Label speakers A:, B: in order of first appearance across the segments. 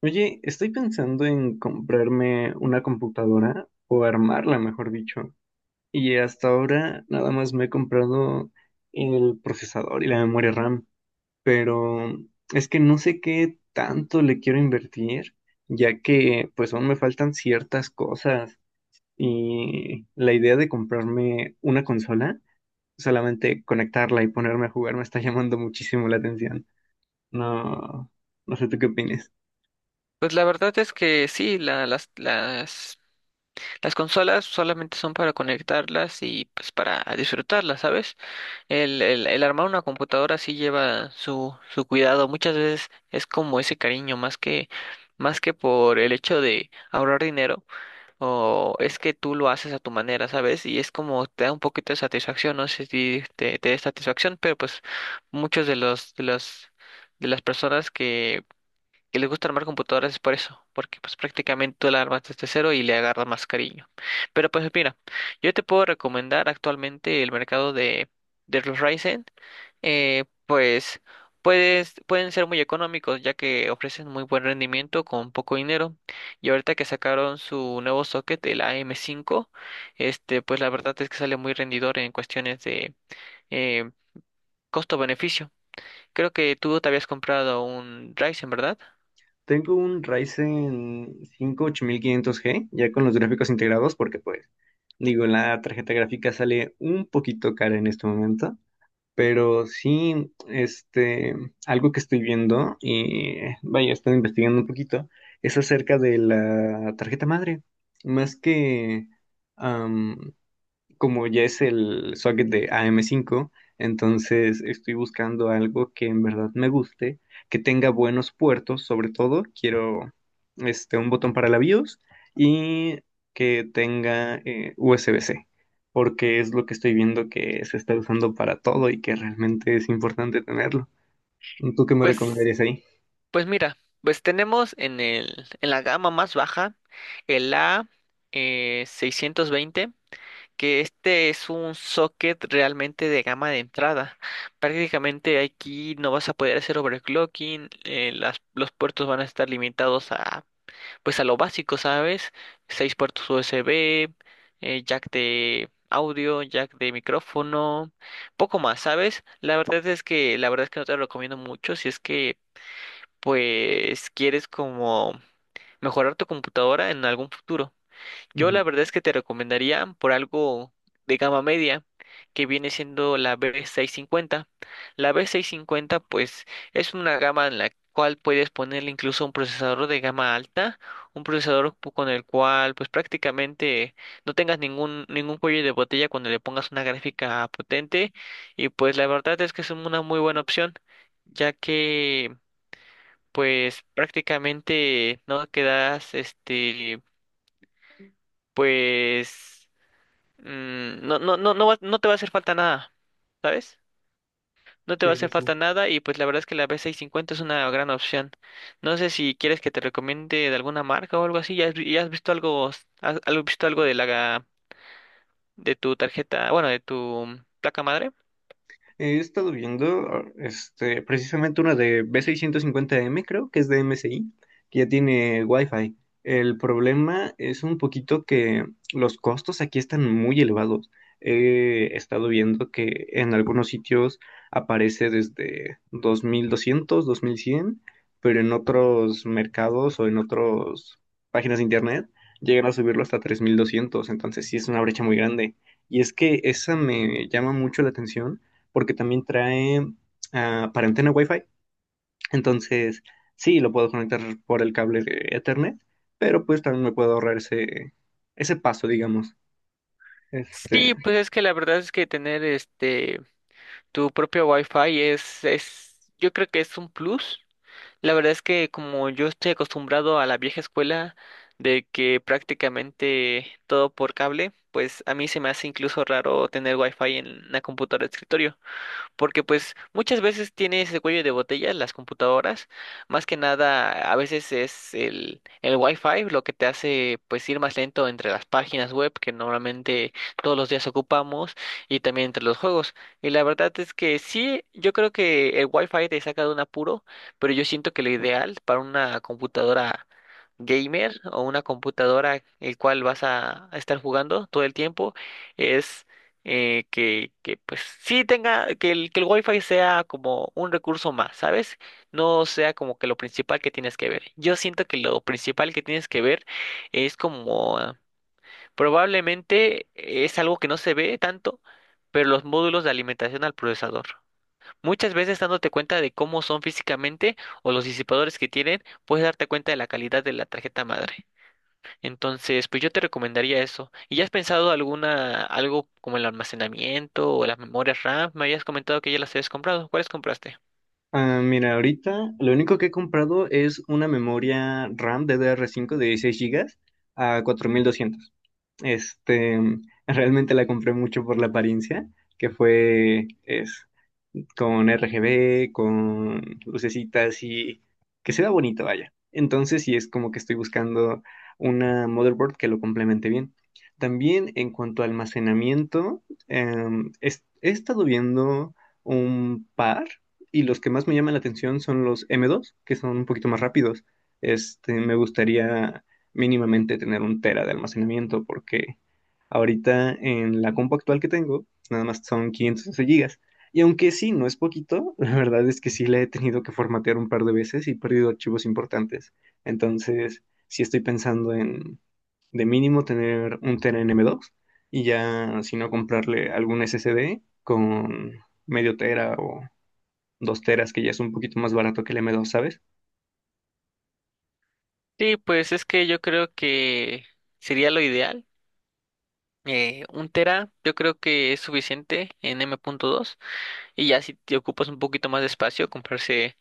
A: Oye, estoy pensando en comprarme una computadora o armarla, mejor dicho. Y hasta ahora nada más me he comprado el procesador y la memoria RAM, pero es que no sé qué tanto le quiero invertir, ya que pues aún me faltan ciertas cosas. Y la idea de comprarme una consola, solamente conectarla y ponerme a jugar me está llamando muchísimo la atención. No, no sé tú qué opinas.
B: Pues la verdad es que sí, las consolas solamente son para conectarlas y pues para disfrutarlas, ¿sabes? El armar una computadora sí lleva su cuidado. Muchas veces es como ese cariño, más que por el hecho de ahorrar dinero, o es que tú lo haces a tu manera, ¿sabes? Y es como te da un poquito de satisfacción, no sé si te da satisfacción, pero pues muchos de las personas que les gusta armar computadoras es por eso, porque pues prácticamente tú la armas desde cero y le agarras más cariño. Pero pues mira, yo te puedo recomendar actualmente el mercado de los Ryzen. eh, pues Pueden ser muy económicos ya que ofrecen muy buen rendimiento con poco dinero. Y ahorita que sacaron su nuevo socket, el AM5. Este, pues la verdad es que sale muy rendidor en cuestiones de eh, costo-beneficio. Creo que tú te habías comprado un Ryzen, ¿verdad?
A: Tengo un Ryzen 5 8500G ya con los gráficos integrados, porque pues, digo, la tarjeta gráfica sale un poquito cara en este momento, pero sí, algo que estoy viendo y vaya, estoy investigando un poquito, es acerca de la tarjeta madre, más que, como ya es el socket de AM5, entonces estoy buscando algo que en verdad me guste, que tenga buenos puertos, sobre todo quiero un botón para la BIOS y que tenga USB-C, porque es lo que estoy viendo que se está usando para todo y que realmente es importante tenerlo. ¿Tú qué me
B: Pues
A: recomendarías ahí?
B: Pues mira, pues tenemos en la gama más baja el A620, que este es un socket realmente de gama de entrada. Prácticamente aquí no vas a poder hacer overclocking. Los puertos van a estar limitados a, pues a lo básico, ¿sabes? Seis puertos USB, jack de audio, jack de micrófono, poco más, ¿sabes? La verdad es que no te lo recomiendo mucho si es que pues quieres como mejorar tu computadora en algún futuro. Yo
A: Ujú.
B: la verdad es que te recomendaría por algo de gama media, que viene siendo la B650. La B650 pues es una gama en la cual puedes ponerle incluso un procesador de gama alta, un con el cual pues prácticamente no tengas ningún cuello de botella cuando le pongas una gráfica potente, y pues la verdad es que es una muy buena opción, ya que pues prácticamente no quedas, pues, no te va a hacer falta nada, ¿sabes? No te va a
A: Sí, sí,
B: hacer
A: sí.
B: falta nada, y pues la verdad es que la B650 es una gran opción. No sé si quieres que te recomiende de alguna marca o algo así. ¿Ya ya has visto algo, visto algo de tu tarjeta, bueno, de tu placa madre?
A: He estado viendo precisamente una de B650M creo que es de MSI, que ya tiene Wi-Fi. El problema es un poquito que los costos aquí están muy elevados. He estado viendo que en algunos sitios aparece desde 2200, 2100, pero en otros mercados o en otras páginas de internet llegan a subirlo hasta 3200. Entonces sí es una brecha muy grande. Y es que esa me llama mucho la atención porque también trae para antena Wi-Fi. Entonces, sí, lo puedo conectar por el cable de Ethernet, pero pues también me puedo ahorrar ese paso, digamos. Este,
B: Sí, pues es que la verdad es que tener este tu propio Wi-Fi es, yo creo que es un plus. La verdad es que como yo estoy acostumbrado a la vieja escuela de que prácticamente todo por cable, pues a mí se me hace incluso raro tener wifi en la computadora de escritorio, porque pues muchas veces tiene ese cuello de botella las computadoras, más que nada a veces es el Wi-Fi lo que te hace pues ir más lento entre las páginas web que normalmente todos los días ocupamos, y también entre los juegos. Y la verdad es que sí, yo creo que el Wi-Fi te saca de un apuro, pero yo siento que lo ideal para una computadora gamer o una computadora el cual vas a estar jugando todo el tiempo es que pues sí tenga, que el Wi-Fi sea como un recurso más, ¿sabes? No sea como que lo principal que tienes que ver. Yo siento que lo principal que tienes que ver es como probablemente es algo que no se ve tanto, pero los módulos de alimentación al procesador. Muchas veces dándote cuenta de cómo son físicamente o los disipadores que tienen, puedes darte cuenta de la calidad de la tarjeta madre. Entonces, pues yo te recomendaría eso. ¿Y ya has pensado algo como el almacenamiento o las memorias RAM? Me habías comentado que ya las habías comprado. ¿Cuáles compraste?
A: mira, ahorita lo único que he comprado es una memoria RAM DDR5 de 16 gigas a 4200. Este, realmente la compré mucho por la apariencia, que fue con RGB, con lucecitas y que se vea bonito, vaya. Entonces, sí es como que estoy buscando una motherboard que lo complemente bien. También en cuanto a almacenamiento, he estado viendo un par y los que más me llaman la atención son los M2, que son un poquito más rápidos. Me gustaría mínimamente tener un tera de almacenamiento porque ahorita en la compu actual que tengo, nada más son 512 gigas. Y aunque sí, no es poquito, la verdad es que sí la he tenido que formatear un par de veces y he perdido archivos importantes. Entonces, sí estoy pensando en de mínimo tener un tera en M2 y ya, si no, comprarle algún SSD con medio tera o dos teras, que ya es un poquito más barato que el M2, ¿sabes?
B: Sí, pues es que yo creo que sería lo ideal. Un tera yo creo que es suficiente en M.2, y ya si te ocupas un poquito más de espacio, comprarse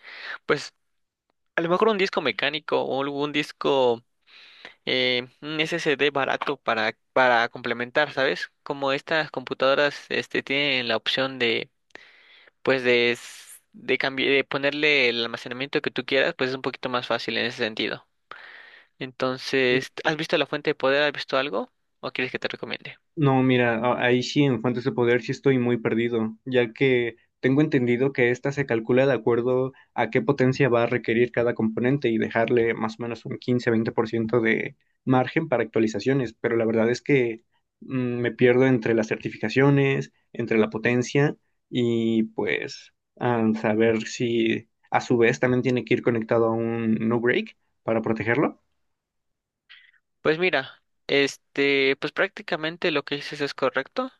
B: pues a lo mejor un disco mecánico o algún disco, un SSD barato para complementar, ¿sabes? Como estas computadoras tienen la opción de, pues de, s- de, cambi- de ponerle el almacenamiento que tú quieras, pues es un poquito más fácil en ese sentido. Entonces, ¿has visto la fuente de poder? ¿Has visto algo? ¿O quieres que te recomiende?
A: No, mira, ahí sí en Fuentes de Poder sí estoy muy perdido, ya que tengo entendido que esta se calcula de acuerdo a qué potencia va a requerir cada componente y dejarle más o menos un 15-20% de margen para actualizaciones, pero la verdad es que mm, me pierdo entre las certificaciones, entre la potencia y pues saber si a su vez también tiene que ir conectado a un no break para protegerlo.
B: Pues mira, pues prácticamente lo que dices es correcto.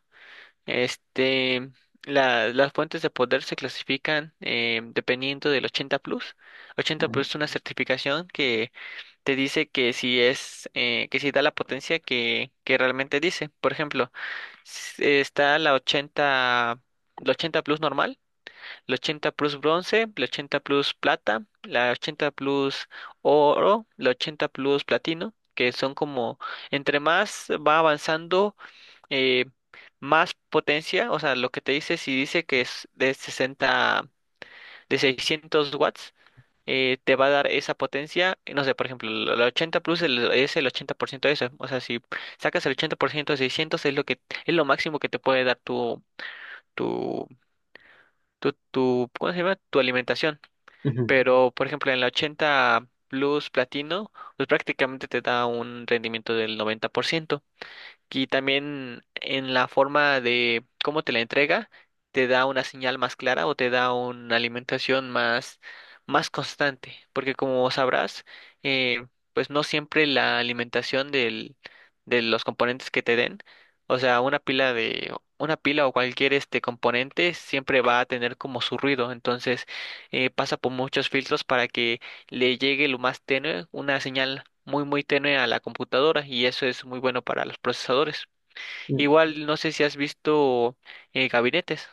B: Este, la- las fuentes de poder se clasifican dependiendo del 80 plus. 80
A: Ujú,
B: plus es una certificación, te dice que si es, que si da la potencia que realmente dice. Por ejemplo, está la 80, la 80 plus normal, la 80 plus bronce, la 80 plus plata, la 80 plus oro, la 80 plus platino, que son como, entre más va avanzando, eh, más potencia. O sea, lo que te dice, si dice que es de 60, de 600 watts, te va a dar esa potencia. No sé, por ejemplo, el 80 plus es el 80% de eso. O sea, si sacas el 80% de 600 es lo que es lo máximo que te puede dar tu tu, ¿cómo se llama?, tu alimentación.
A: ujú.
B: Pero por ejemplo, en la 80 plus platino, pues prácticamente te da un rendimiento del 90%. Y también en la forma de cómo te la entrega, te da una señal más clara o te da una alimentación más, más constante. Porque como sabrás, eh, pues no siempre la alimentación de los componentes que te den, o sea, una pila una pila o cualquier este componente siempre va a tener como su ruido. Entonces, pasa por muchos filtros para que le llegue lo más tenue, una señal muy muy tenue a la computadora, y eso es muy bueno para los procesadores. Igual no sé si has visto gabinetes,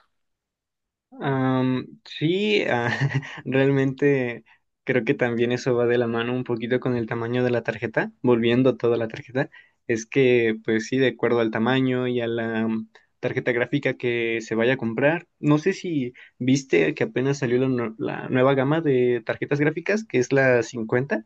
A: Sí, realmente creo que también eso va de la mano un poquito con el tamaño de la tarjeta, volviendo a toda la tarjeta, es que pues sí, de acuerdo al tamaño y a la tarjeta gráfica que se vaya a comprar, no sé si viste que apenas salió la nueva gama de tarjetas gráficas, que es la 50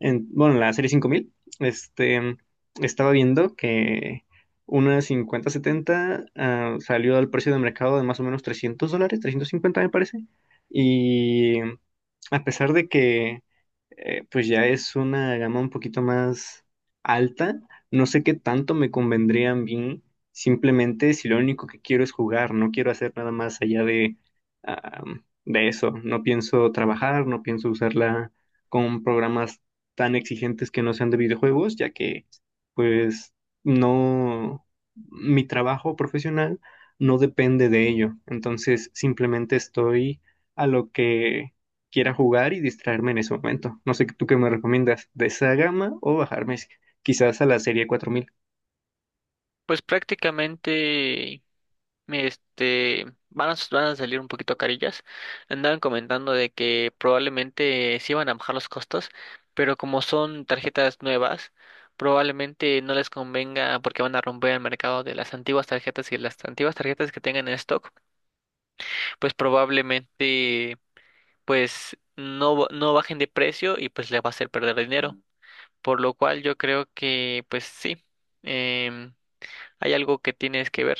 A: en, bueno, en la serie 5000 este, estaba viendo que una 5070 salió al precio de mercado de más o menos $300, 350 me parece, y a pesar de que pues ya es una gama un poquito más alta, no sé qué tanto me convendría a mí simplemente si lo único que quiero es jugar, no quiero hacer nada más allá de, ah, de eso, no pienso trabajar, no pienso usarla con programas tan exigentes que no sean de videojuegos, ya que pues no, mi trabajo profesional no depende de ello. Entonces simplemente estoy a lo que quiera jugar y distraerme en ese momento. No sé tú qué me recomiendas, de esa gama o bajarme quizás a la serie 4000.
B: pues prácticamente van a salir un poquito carillas. Andaban comentando de que probablemente sí van a bajar los costos, pero como son tarjetas nuevas, probablemente no les convenga porque van a romper el mercado de las antiguas tarjetas y las antiguas tarjetas que tengan en stock, pues probablemente pues no, no bajen de precio, y pues le va a hacer perder dinero. Por lo cual yo creo que pues sí, em, hay algo que tienes que ver.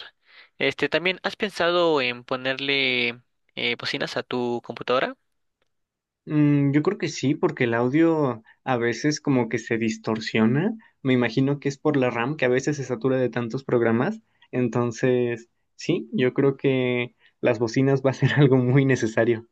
B: Este, también, ¿has pensado en ponerle bocinas a tu computadora?
A: Yo creo que sí, porque el audio a veces como que se distorsiona. Me imagino que es por la RAM que a veces se satura de tantos programas. Entonces, sí, yo creo que las bocinas va a ser algo muy necesario.